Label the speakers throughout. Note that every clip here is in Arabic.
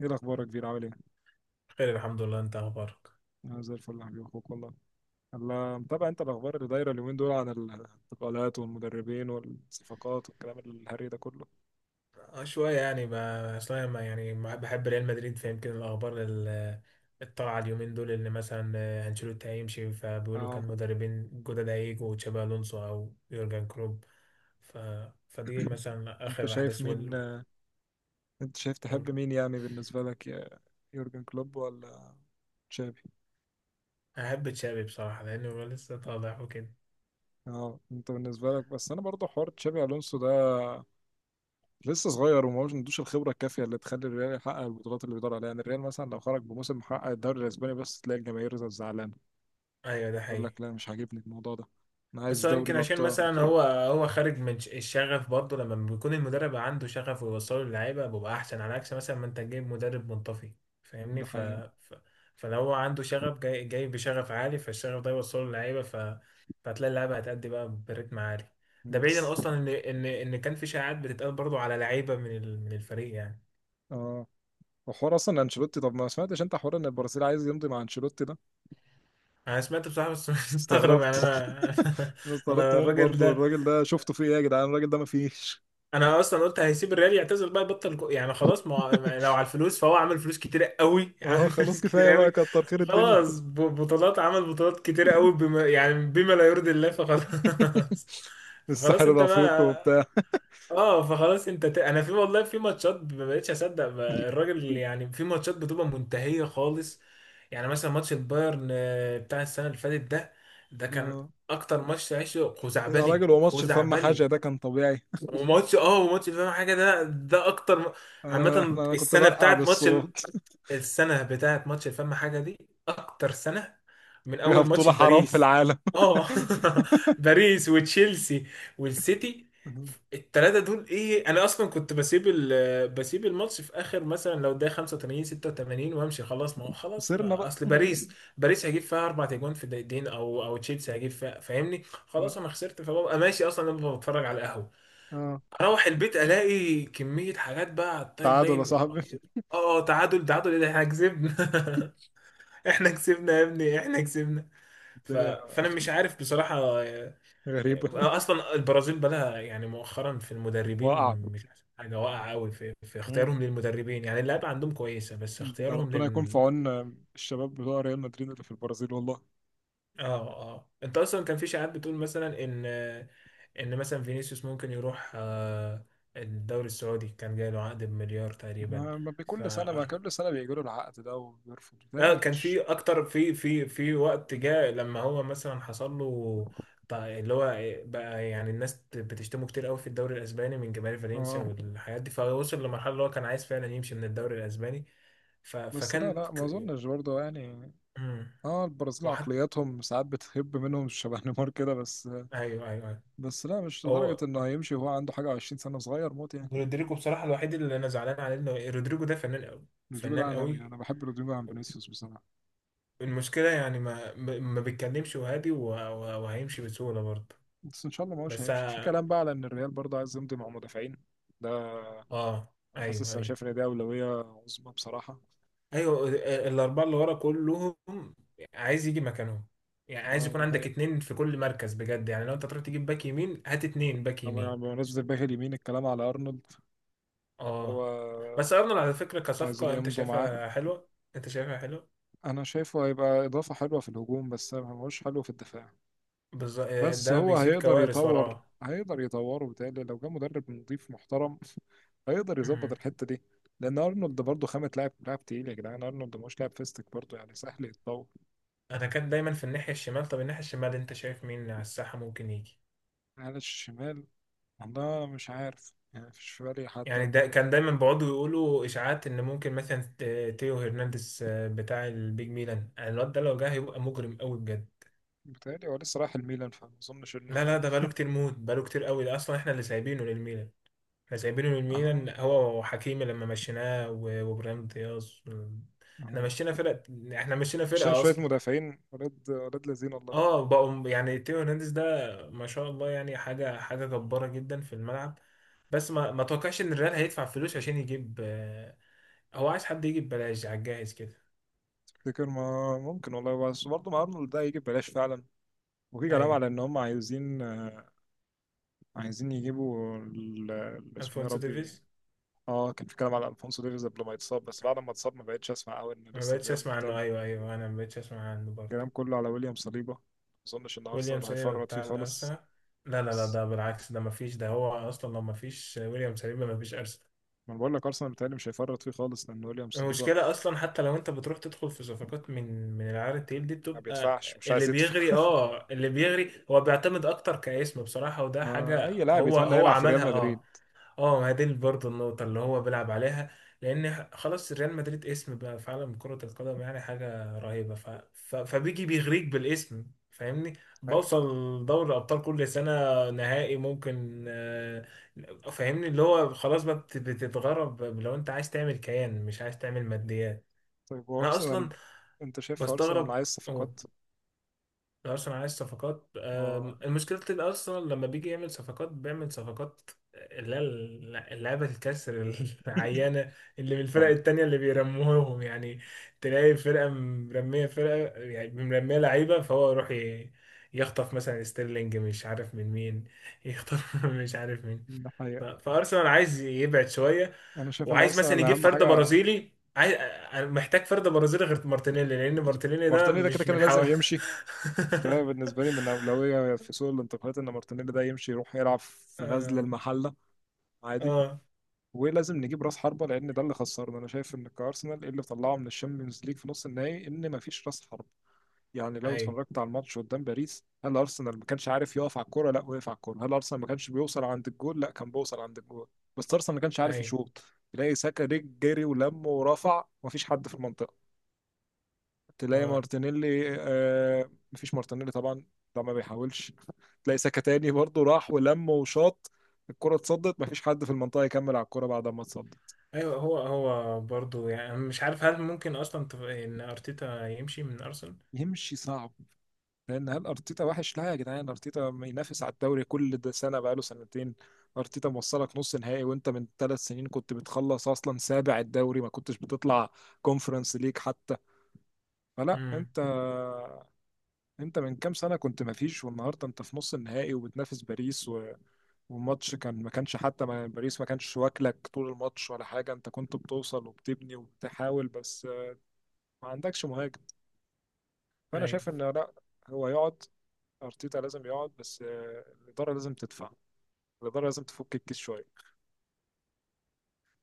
Speaker 1: ايه الاخبار يا كبير؟ عامل ايه؟
Speaker 2: خير، الحمد لله. انت اخبارك؟
Speaker 1: انا زي الفل يا حبيبي، اخوك والله. الله، متابع انت الاخبار اللي دايره اليومين دول عن الانتقالات والمدربين والصفقات والكلام الهري ده كله؟
Speaker 2: آه، شويه يعني اصلا ما يعني ما- بحب ريال مدريد فيمكن الاخبار الطالعه اليومين دول اللي مثلا انشيلوتي هيمشي، فبيقولوا
Speaker 1: اه،
Speaker 2: كان مدربين جدد هيجوا تشابي الونسو او يورجن كلوب. ف... فدي مثلا
Speaker 1: انت
Speaker 2: اخر
Speaker 1: شايف
Speaker 2: احداث
Speaker 1: مين؟ انت شايف تحب
Speaker 2: وال-
Speaker 1: مين يعني بالنسبه لك، يا يورجن كلوب ولا تشابي؟
Speaker 2: احب تشابي بصراحه، لانه هو لسه طالع وكده.
Speaker 1: اه، انت بالنسبه لك، بس انا برضه حوار تشابي الونسو ده لسه صغير وما عندوش الخبره الكافيه اللي تخلي الريال يحقق البطولات اللي بيدور عليها. يعني الريال مثلا لو خرج بموسم محقق الدوري الاسباني بس، تلاقي الجماهير زعلانه
Speaker 2: ايوه، ده
Speaker 1: يقول
Speaker 2: حقيقي.
Speaker 1: لك لا، مش عاجبني الموضوع ده، انا عايز
Speaker 2: بس هو
Speaker 1: دوري
Speaker 2: يمكن عشان
Speaker 1: الابطال.
Speaker 2: مثلا هو خارج من الشغف برضه. لما بيكون المدرب عنده شغف ويوصله للعيبه بيبقى احسن، على عكس مثلا ما انت جايب مدرب منطفي. فاهمني؟
Speaker 1: ده حقيقة.
Speaker 2: ف... فلو هو عنده شغف، جاي جاي بشغف عالي، فالشغف ده يوصله للعيبه، فهتلاقي اللعيبه هتأدي بقى برتم عالي. ده بعيدا
Speaker 1: بس-
Speaker 2: اصلا ان كان في شائعات بتتقال برضه على لعيبه من الفريق يعني.
Speaker 1: اه، وحوار اصلا انشيلوتي، طب ما سمعتش انت حوار ان البرازيل عايز يمضي مع انشيلوتي ده؟
Speaker 2: انا سمعت بصراحه بس مستغرب يعني.
Speaker 1: استغربت
Speaker 2: انا
Speaker 1: انا استغربت
Speaker 2: انا
Speaker 1: موت
Speaker 2: الراجل
Speaker 1: برضه.
Speaker 2: ده،
Speaker 1: الراجل ده شفته في ايه يا جدعان؟ الراجل ده ما فيش
Speaker 2: انا اصلا قلت هيسيب الريال يعتزل بقى يبطل يعني خلاص. ما هو- ما- لو على الفلوس فهو عمل فلوس كتير قوي عمل
Speaker 1: اه خلاص،
Speaker 2: فلوس كتير
Speaker 1: كفايه بقى،
Speaker 2: قوي.
Speaker 1: كتر خير الدنيا
Speaker 2: خلاص، بطولات عمل بطولات كتير قوي، بما يعني بما لا يرضي الله، فخلاص فخلاص
Speaker 1: الساحل
Speaker 2: انت
Speaker 1: الافريقي
Speaker 2: بقى.
Speaker 1: وبتاع
Speaker 2: اه، فخلاص انت انا في والله في ماتشات ما بقتش اصدق بقى الراجل. يعني في ماتشات بتبقى منتهية خالص. يعني مثلا ماتش البايرن بتاع السنة اللي فاتت ده، كان
Speaker 1: اه.
Speaker 2: اكتر ماتش عشته،
Speaker 1: يا
Speaker 2: خزعبلي
Speaker 1: راجل، هو ماتش الفم حاجه
Speaker 2: خزعبلي.
Speaker 1: ده كان طبيعي.
Speaker 2: وماتش وماتش فاهم حاجه ده، اكتر
Speaker 1: انا
Speaker 2: عامه
Speaker 1: احنا انا كنت
Speaker 2: السنه
Speaker 1: برقع
Speaker 2: بتاعت ماتش
Speaker 1: بالصوت
Speaker 2: السنه بتاعت ماتش فاهم حاجه دي اكتر سنه، من
Speaker 1: فيها
Speaker 2: اول ماتش
Speaker 1: بطوله حرام في
Speaker 2: باريس.
Speaker 1: العالم
Speaker 2: اه باريس وتشيلسي والسيتي، الثلاثه دول. ايه، انا اصلا كنت بسيب بسيب الماتش في اخر، مثلا لو ده 85 86 وامشي خلاص. ما هو خلاص،
Speaker 1: خسرنا
Speaker 2: ما
Speaker 1: بقى.
Speaker 2: اصل باريس باريس هيجيب فيها اربع اجوان في دقيقتين، او تشيلسي هيجيب فيها. فاهمني؟ خلاص
Speaker 1: لا.
Speaker 2: انا خسرت فببقى ماشي. اصلا انا ببقى بتفرج على القهوه،
Speaker 1: اه،
Speaker 2: اروح البيت الاقي كميه حاجات بقى على التايم
Speaker 1: تعادل يا
Speaker 2: لاين. اه،
Speaker 1: صاحبي
Speaker 2: اه، تعادل تعادل ايه، ده احنا كسبنا احنا كسبنا يا ابني، احنا كسبنا.
Speaker 1: الدنيا.
Speaker 2: فانا مش عارف بصراحه.
Speaker 1: غريبه
Speaker 2: اصلا البرازيل بقى لها يعني مؤخرا في المدربين
Speaker 1: وقع.
Speaker 2: مش أحسن حاجه، واقعه قوي في اختيارهم للمدربين. يعني اللعيبه عندهم كويسه، بس
Speaker 1: ده
Speaker 2: اختيارهم
Speaker 1: ربنا يكون في
Speaker 2: لل...
Speaker 1: عون الشباب بتوع ريال مدريد اللي في البرازيل والله.
Speaker 2: اه. اه، انت اصلا كان في شائعات بتقول مثلا ان ان مثلا فينيسيوس ممكن يروح الدوري السعودي. كان جاي له عقد بمليار تقريبا.
Speaker 1: ما ما
Speaker 2: ف
Speaker 1: بكل سنة ما كل سنة بيجيله العقد ده وبيرفض، بالتالي
Speaker 2: لا،
Speaker 1: ما
Speaker 2: كان
Speaker 1: فيش.
Speaker 2: في اكتر، في وقت جاء لما هو مثلا حصل له اللي هو بقى يعني الناس بتشتمه كتير قوي في الدوري الاسباني من جماهير فالنسيا
Speaker 1: اه
Speaker 2: والحاجات دي، فوصل لمرحله اللي هو كان عايز فعلا يمشي من الدوري الاسباني. ف
Speaker 1: بس، لا
Speaker 2: فكان
Speaker 1: لا، ما اظنش برضه يعني.
Speaker 2: مم.
Speaker 1: اه، البرازيل
Speaker 2: واحد.
Speaker 1: عقلياتهم ساعات بتهب منهم شبه نيمار كده، بس.
Speaker 2: ايوه، ايوه، ايوه.
Speaker 1: بس لا، مش لدرجة
Speaker 2: هو
Speaker 1: انه هيمشي وهو عنده حاجة 20 سنة، صغير موت يعني.
Speaker 2: رودريجو بصراحه الوحيد اللي انا زعلان عليه، انه رودريجو ده فنان قوي،
Speaker 1: رودريجو ده
Speaker 2: فنان
Speaker 1: عالمي،
Speaker 2: قوي.
Speaker 1: انا بحب رودريجو عن فينيسيوس بصراحة.
Speaker 2: المشكله يعني ما بيتكلمش وهادي، وهيمشي بسهوله برضه.
Speaker 1: بس ان شاء الله ما هوش
Speaker 2: بس
Speaker 1: هيمشي. في كلام بقى على ان الريال برضه عايز يمضي مع مدافعين ده.
Speaker 2: اه، ايوه
Speaker 1: حاسس، انا
Speaker 2: ايوه
Speaker 1: شايف ان دي أولوية عظمى بصراحة.
Speaker 2: ايوه. الاربعه اللي ورا كلهم عايز يجي مكانهم. يعني عايز
Speaker 1: اه
Speaker 2: يكون
Speaker 1: ده
Speaker 2: عندك
Speaker 1: حقيقة.
Speaker 2: اتنين في كل مركز بجد. يعني لو انت تروح تجيب باك يمين، هات اتنين باك
Speaker 1: طبعا يعني
Speaker 2: يمين.
Speaker 1: بمناسبة الباك اليمين، الكلام على أرنولد إن هو
Speaker 2: اه، بس ارنولد على فكره
Speaker 1: عايزين
Speaker 2: كصفقه انت
Speaker 1: يمضوا معاه.
Speaker 2: شايفها حلوه؟ انت شايفها حلوه؟
Speaker 1: أنا شايفه هيبقى إضافة حلوة في الهجوم، بس مش حلو في الدفاع.
Speaker 2: بالظبط،
Speaker 1: بس
Speaker 2: ده
Speaker 1: هو
Speaker 2: بيسيب
Speaker 1: هيقدر
Speaker 2: كوارث
Speaker 1: يطور،
Speaker 2: وراه.
Speaker 1: هيقدر يطوره. بتهيألي لو جه مدرب نظيف محترم هيقدر يظبط
Speaker 2: مم.
Speaker 1: الحتة دي. لأن أرنولد برضه خامة لاعب، لاعب تقيل يا جدعان، أرنولد مش لاعب فيستك برضه، يعني سهل يتطور.
Speaker 2: انا كان دايما في الناحيه الشمال. طب الناحيه الشمال انت شايف مين على الساحه ممكن يجي؟
Speaker 1: على الشمال، والله مش عارف يعني، مفيش في بالي حد
Speaker 2: يعني
Speaker 1: قد
Speaker 2: ده
Speaker 1: كده.
Speaker 2: كان دايما بيقعدوا يقولوا اشاعات ان ممكن مثلا تيو هرنانديز بتاع البيج ميلان. يعني الواد ده لو جه هيبقى مجرم قوي بجد.
Speaker 1: بتهيألي هو لسه رايح الميلان، فما أظنش
Speaker 2: لا لا،
Speaker 1: إنه.
Speaker 2: ده بقاله كتير موت، بقاله كتير قوي، ده اصلا احنا اللي سايبينه للميلان. احنا سايبينه للميلان
Speaker 1: آه
Speaker 2: هو وحكيمي لما مشيناه وابراهيم دياز. احنا
Speaker 1: آه،
Speaker 2: مشينا فرقة، احنا مشينا
Speaker 1: عشان
Speaker 2: فرقة
Speaker 1: شوية
Speaker 2: اصلا.
Speaker 1: مدافعين، ولاد ولاد لذين والله.
Speaker 2: اه، بقوا يعني تيو هرنانديز ده ما شاء الله، يعني حاجة حاجة جبارة جدا في الملعب. بس ما توقعش ان الريال هيدفع فلوس عشان يجيب، آه، هو عايز حد يجيب ببلاش على الجاهز كده.
Speaker 1: تفتكر؟ ما ممكن والله، بس برضه مع أرنولد ده هيجي ببلاش فعلا. وفي كلام
Speaker 2: ايوه،
Speaker 1: على إن هم عايزين، عايزين يجيبوا اسمه إيه يا
Speaker 2: الفونسو
Speaker 1: ربي؟
Speaker 2: ديفيز.
Speaker 1: اه كان في كلام على ألفونسو ديفيز قبل ما يتصاب، بس بعد ما اتصاب ما بقتش أسمع أوي إن
Speaker 2: أنا ما
Speaker 1: لسه
Speaker 2: بقتش
Speaker 1: الريال
Speaker 2: اسمع
Speaker 1: مهتم.
Speaker 2: عنه، ايوه ايوه، انا ما بقتش اسمع عنه برضه.
Speaker 1: الكلام كله على ويليام صليبة. ما أظنش إن
Speaker 2: ويليام
Speaker 1: أرسنال
Speaker 2: سليبا
Speaker 1: هيفرط فيه
Speaker 2: بتاع
Speaker 1: خالص.
Speaker 2: الارسنال؟ لا لا لا،
Speaker 1: بس
Speaker 2: ده بالعكس، ده مفيش. ده هو اصلا لو مفيش ويليام سليبا مفيش ارسنال.
Speaker 1: ما أنا بقول لك أرسنال بيتهيألي مش هيفرط فيه خالص، لأن ويليام صليبة.
Speaker 2: المشكله اصلا حتى لو انت بتروح تدخل في صفقات من العيار التقيل دي،
Speaker 1: ما
Speaker 2: بتبقى
Speaker 1: بيدفعش، مش
Speaker 2: اللي
Speaker 1: عايز يدفع.
Speaker 2: بيغري، اه اللي بيغري. هو بيعتمد اكتر كاسم بصراحه، وده
Speaker 1: ما أي
Speaker 2: حاجه
Speaker 1: لاعب
Speaker 2: هو
Speaker 1: يتمنى
Speaker 2: هو
Speaker 1: يلعب في ريال
Speaker 2: عملها. اه،
Speaker 1: مدريد.
Speaker 2: اه ما هي دي برضه النقطة اللي هو بيلعب عليها. لأن خلاص، ريال مدريد اسم بقى في عالم كرة القدم، يعني حاجة رهيبة. فبيجي بيغريك بالاسم، فاهمني؟ بوصل دوري أبطال كل سنة، نهائي ممكن، فاهمني. اللي هو خلاص بقى بتتغرب، لو أنت عايز تعمل كيان مش عايز تعمل ماديات.
Speaker 1: طيب
Speaker 2: أنا أصلا
Speaker 1: وارسنال، انت شايف ارسنال
Speaker 2: بستغرب.
Speaker 1: عايز صفقات؟
Speaker 2: أرسنال عايز صفقات؟
Speaker 1: اه،
Speaker 2: المشكلة الأرسنال لما بيجي يعمل صفقات، بيعمل صفقات اللي هي اللعبة الكسر العيانة، اللي من الفرق
Speaker 1: اه.
Speaker 2: التانية اللي بيرموهم يعني. تلاقي فرقة مرمية، فرقة يعني مرمية لعيبة، فهو يروح يخطف مثلا ستيرلينج مش عارف من مين، يخطف مش عارف مين.
Speaker 1: الحقيقة
Speaker 2: فارسنال عايز يبعد شويه،
Speaker 1: انا شايف ان
Speaker 2: وعايز مثلا
Speaker 1: ارسنال
Speaker 2: يجيب
Speaker 1: اهم
Speaker 2: فرد
Speaker 1: حاجة.
Speaker 2: برازيلي. عايز، أنا محتاج فرد برازيلي غير مارتينيلي، لان مارتينيلي ده
Speaker 1: مارتينيلي ده كده
Speaker 2: مش
Speaker 1: كده
Speaker 2: من
Speaker 1: لازم
Speaker 2: حوا
Speaker 1: يمشي، ده بالنسبة لي من اولوية في سوق الانتقالات، ان مارتينيلي ده يمشي، يروح يلعب في غزل
Speaker 2: اه،
Speaker 1: المحلة عادي.
Speaker 2: اه،
Speaker 1: ولازم نجيب راس حربة، لان ده اللي خسرنا. انا شايف ان كارسنال إيه اللي طلعه من الشامبيونز ليج في نص النهائي؟ ان مفيش راس حربة. يعني لو
Speaker 2: ايوه
Speaker 1: اتفرجت على الماتش قدام باريس، هل ارسنال ما كانش عارف يقف على الكوره؟ لا، وقف على الكوره. هل ارسنال ما كانش بيوصل عند الجول؟ لا، كان بيوصل عند الجول. بس ارسنال ما كانش عارف
Speaker 2: ايوه،
Speaker 1: يشوط. تلاقي ساكا جري ولم ورفع ومفيش حد في المنطقه. تلاقي
Speaker 2: اه
Speaker 1: مارتينيلي، آه مفيش مارتينيلي طبعا، ده ما بيحاولش. تلاقي ساكا تاني برضه راح ولم وشاط، الكره اتصدت، مفيش حد في المنطقه يكمل على الكوره بعد ما اتصدت.
Speaker 2: ايوه. هو برضو، يعني أنا مش عارف هل ممكن اصلا ان ارتيتا يمشي من ارسنال.
Speaker 1: يمشي صعب، لان هل ارتيتا وحش؟ لا يا جدعان، ارتيتا ما ينافس على الدوري؟ كل ده سنه، بقاله سنتين. ارتيتا موصلك نص نهائي، وانت من 3 سنين كنت بتخلص اصلا سابع الدوري، ما كنتش بتطلع كونفرنس ليج حتى. فلا،
Speaker 2: امم.
Speaker 1: انت، انت من كام سنه كنت ما فيش، والنهارده انت في نص النهائي وبتنافس باريس. و... والماتش كان، ما كانش حتى، ما يعني، باريس ما كانش واكلك طول الماتش ولا حاجه، انت كنت بتوصل وبتبني وبتحاول، بس ما عندكش مهاجم. فانا
Speaker 2: ايوه
Speaker 1: شايف ان لا، هو يقعد، ارتيتا لازم يقعد، بس الاداره لازم تدفع، الإدارة لازم تفك الكيس شوية.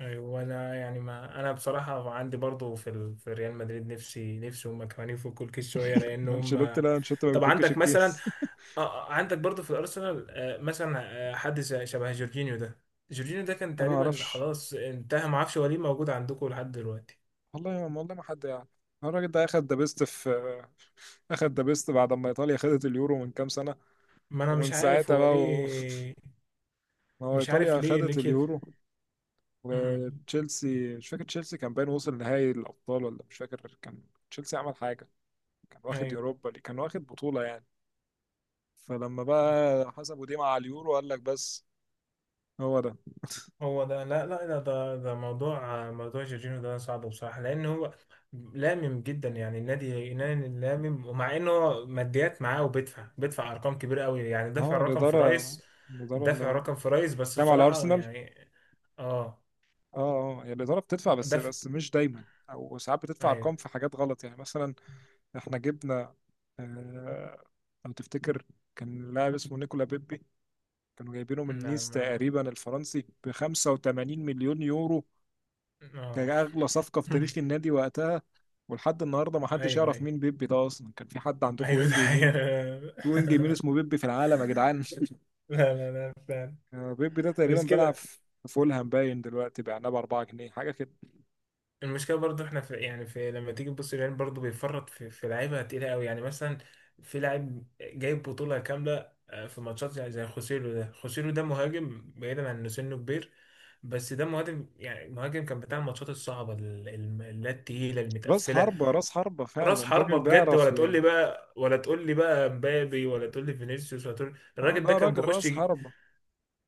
Speaker 2: ايوه. وانا يعني، ما انا بصراحه عندي برضو في ريال مدريد، نفسي نفسي هم كمان يفكوا الكيس شويه، لان
Speaker 1: أنشيلوتي
Speaker 2: هم.
Speaker 1: لا، أنشيلوتي ما
Speaker 2: طب
Speaker 1: بيفكش
Speaker 2: عندك مثلا،
Speaker 1: الكيس.
Speaker 2: عندك برضو في الارسنال، مثلا حد شبه جورجينيو ده. جورجينيو ده كان
Speaker 1: أنا ما
Speaker 2: تقريبا
Speaker 1: أعرفش
Speaker 2: خلاص انتهى، ما اعرفش هو ليه موجود عندكم لحد دلوقتي.
Speaker 1: والله، والله ما حد يعني. الراجل ده أخد ذا بيست في أخد ذا بيست بعد ما إيطاليا خدت اليورو من كام سنة،
Speaker 2: ما انا
Speaker 1: ومن
Speaker 2: مش عارف
Speaker 1: ساعتها
Speaker 2: هو
Speaker 1: بقى
Speaker 2: ليه.
Speaker 1: ما هو
Speaker 2: مش عارف
Speaker 1: إيطاليا
Speaker 2: ليه، ليه
Speaker 1: خدت
Speaker 2: كده.
Speaker 1: اليورو،
Speaker 2: امم.
Speaker 1: وتشيلسي مش فاكر، تشيلسي كان باين وصل نهائي الأبطال ولا مش فاكر، كان تشيلسي عمل حاجة، كان واخد
Speaker 2: ايوه،
Speaker 1: كان واخد بطولة يعني. فلما بقى حسبوا دي مع اليورو، قال لك بس هو ده.
Speaker 2: هو ده. لا لا، ده موضوع، موضوع جورجينيو ده صعب بصراحة، لان هو لامم جدا. يعني النادي نادي لامم، ومع انه هو ماديات معاه وبيدفع، ارقام كبيرة قوي، يعني دافع
Speaker 1: اه،
Speaker 2: رقم في
Speaker 1: الإدارة،
Speaker 2: رايس،
Speaker 1: الإدارة
Speaker 2: دافع
Speaker 1: اللي
Speaker 2: رقم في رايس، بس
Speaker 1: كام على
Speaker 2: بصراحة
Speaker 1: أرسنال؟
Speaker 2: يعني اه.
Speaker 1: اه، اه يعني الإدارة بتدفع، بس
Speaker 2: ده في...
Speaker 1: بس مش دايما، أو ساعات بتدفع
Speaker 2: ايوه.
Speaker 1: أرقام في حاجات غلط. يعني مثلا إحنا جبنا، آه، لو تفتكر، كان لاعب اسمه نيكولا بيبي، كانوا جايبينه من
Speaker 2: لا
Speaker 1: نيس
Speaker 2: ما،
Speaker 1: تقريبا، الفرنسي، ب 85 مليون يورو.
Speaker 2: اه
Speaker 1: كان أغلى صفقة في تاريخ النادي وقتها. ولحد النهاردة ما حدش
Speaker 2: ايوه
Speaker 1: يعرف
Speaker 2: ايوه
Speaker 1: مين بيبي ده أصلا. كان في حد عندكم
Speaker 2: ايوه،
Speaker 1: وينج
Speaker 2: ده حقيقة.
Speaker 1: يمين؟ في وينج يمين اسمه بيبي في العالم يا جدعان؟
Speaker 2: لا لا لا، فعلا
Speaker 1: بيبي ده تقريبا
Speaker 2: مش
Speaker 1: بيلعب
Speaker 2: كده.
Speaker 1: في فولهام باين دلوقتي، بعناه ب 4 جنيه حاجة.
Speaker 2: المشكله برضو احنا، في يعني في لما تيجي تبص، الريال برضو بيفرط في لعيبه تقيله قوي. يعني مثلا في لاعب جايب بطوله كامله، في ماتشات زي، خوسيلو ده. خوسيلو ده مهاجم، بعيدا عن انه سنه كبير، بس ده مهاجم. يعني مهاجم كان بتاع الماتشات الصعبه اللي هي التقيله
Speaker 1: راس
Speaker 2: المتقفله.
Speaker 1: حربة، راس حربة
Speaker 2: راس
Speaker 1: فعلا، راجل
Speaker 2: حربة بجد،
Speaker 1: بيعرف
Speaker 2: ولا تقول لي
Speaker 1: يعني.
Speaker 2: بقى، ولا تقول لي بقى مبابي، ولا تقول لي فينيسيوس، ولا تقول.
Speaker 1: اه
Speaker 2: الراجل
Speaker 1: ده
Speaker 2: ده كان
Speaker 1: راجل
Speaker 2: بيخش
Speaker 1: راس
Speaker 2: يجي...
Speaker 1: حربة،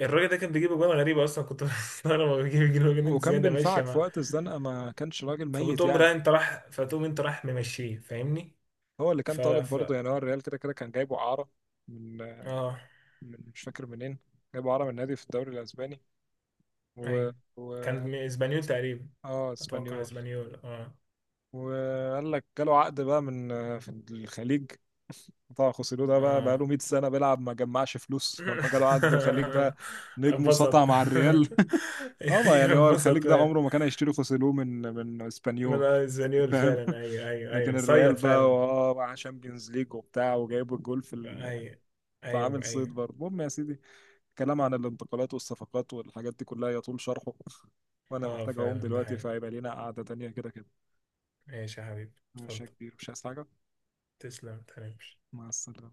Speaker 2: الراجل ده كان بيجيب اجوان غريبة اصلا، كنت بستغرب. هو بيجيب اجوان جنون
Speaker 1: وكان
Speaker 2: زيادة ماشية
Speaker 1: بينفعك في
Speaker 2: مع،
Speaker 1: وقت الزنقة، ما كانش راجل ميت
Speaker 2: فبتقوم
Speaker 1: يعني.
Speaker 2: رايح، انت راح فتقوم، انت راح ممشيه، فاهمني؟
Speaker 1: هو اللي كان
Speaker 2: ف...
Speaker 1: طالب
Speaker 2: ف...
Speaker 1: برضه يعني، هو الريال كده كده كان جايبه إعارة من،
Speaker 2: اه،
Speaker 1: مش فاكر منين، جايبه إعارة من نادي في الدوري الأسباني، و,
Speaker 2: ايوه. كان
Speaker 1: و...
Speaker 2: من اسبانيول تقريبا،
Speaker 1: اه
Speaker 2: اتوقع
Speaker 1: اسبانيول.
Speaker 2: اسبانيول، اه.
Speaker 1: وقال لك جاله عقد بقى من، في الخليج. طبعا خوسيلو ده بقى
Speaker 2: اه
Speaker 1: له 100 سنة بيلعب، ما جمعش فلوس، فلما جاله عقد في الخليج بقى نجم وسطع
Speaker 2: اتبسط.
Speaker 1: مع الريال اه، ما
Speaker 2: ايوه
Speaker 1: يعني هو الخليج
Speaker 2: اتبسط
Speaker 1: ده
Speaker 2: فعلا.
Speaker 1: عمره ما كان هيشتري خوسيلو من، من
Speaker 2: من،
Speaker 1: اسبانيول.
Speaker 2: آه، اسبانيول
Speaker 1: فاهم
Speaker 2: فعلا. ايوه ايوه
Speaker 1: لكن
Speaker 2: ايوه،
Speaker 1: الريال
Speaker 2: صيط
Speaker 1: بقى
Speaker 2: فعلا.
Speaker 1: اه مع شامبيونز ليج وبتاع وجايب الجول
Speaker 2: ايوه ايوه
Speaker 1: فعامل صيد
Speaker 2: ايوه،
Speaker 1: برضه. المهم يا سيدي، كلام عن الانتقالات والصفقات والحاجات دي كلها يطول شرحه وانا
Speaker 2: اه
Speaker 1: محتاج اقوم
Speaker 2: فعلا، ده
Speaker 1: دلوقتي،
Speaker 2: حقيقي.
Speaker 1: فهيبقى لينا قعدة تانية. كده كده
Speaker 2: ماشي يا حبيبي.
Speaker 1: ماشي يا
Speaker 2: اتفضل.
Speaker 1: كبير، مش عايز حاجة؟
Speaker 2: تسلم، متهنكش.
Speaker 1: مع السلامة.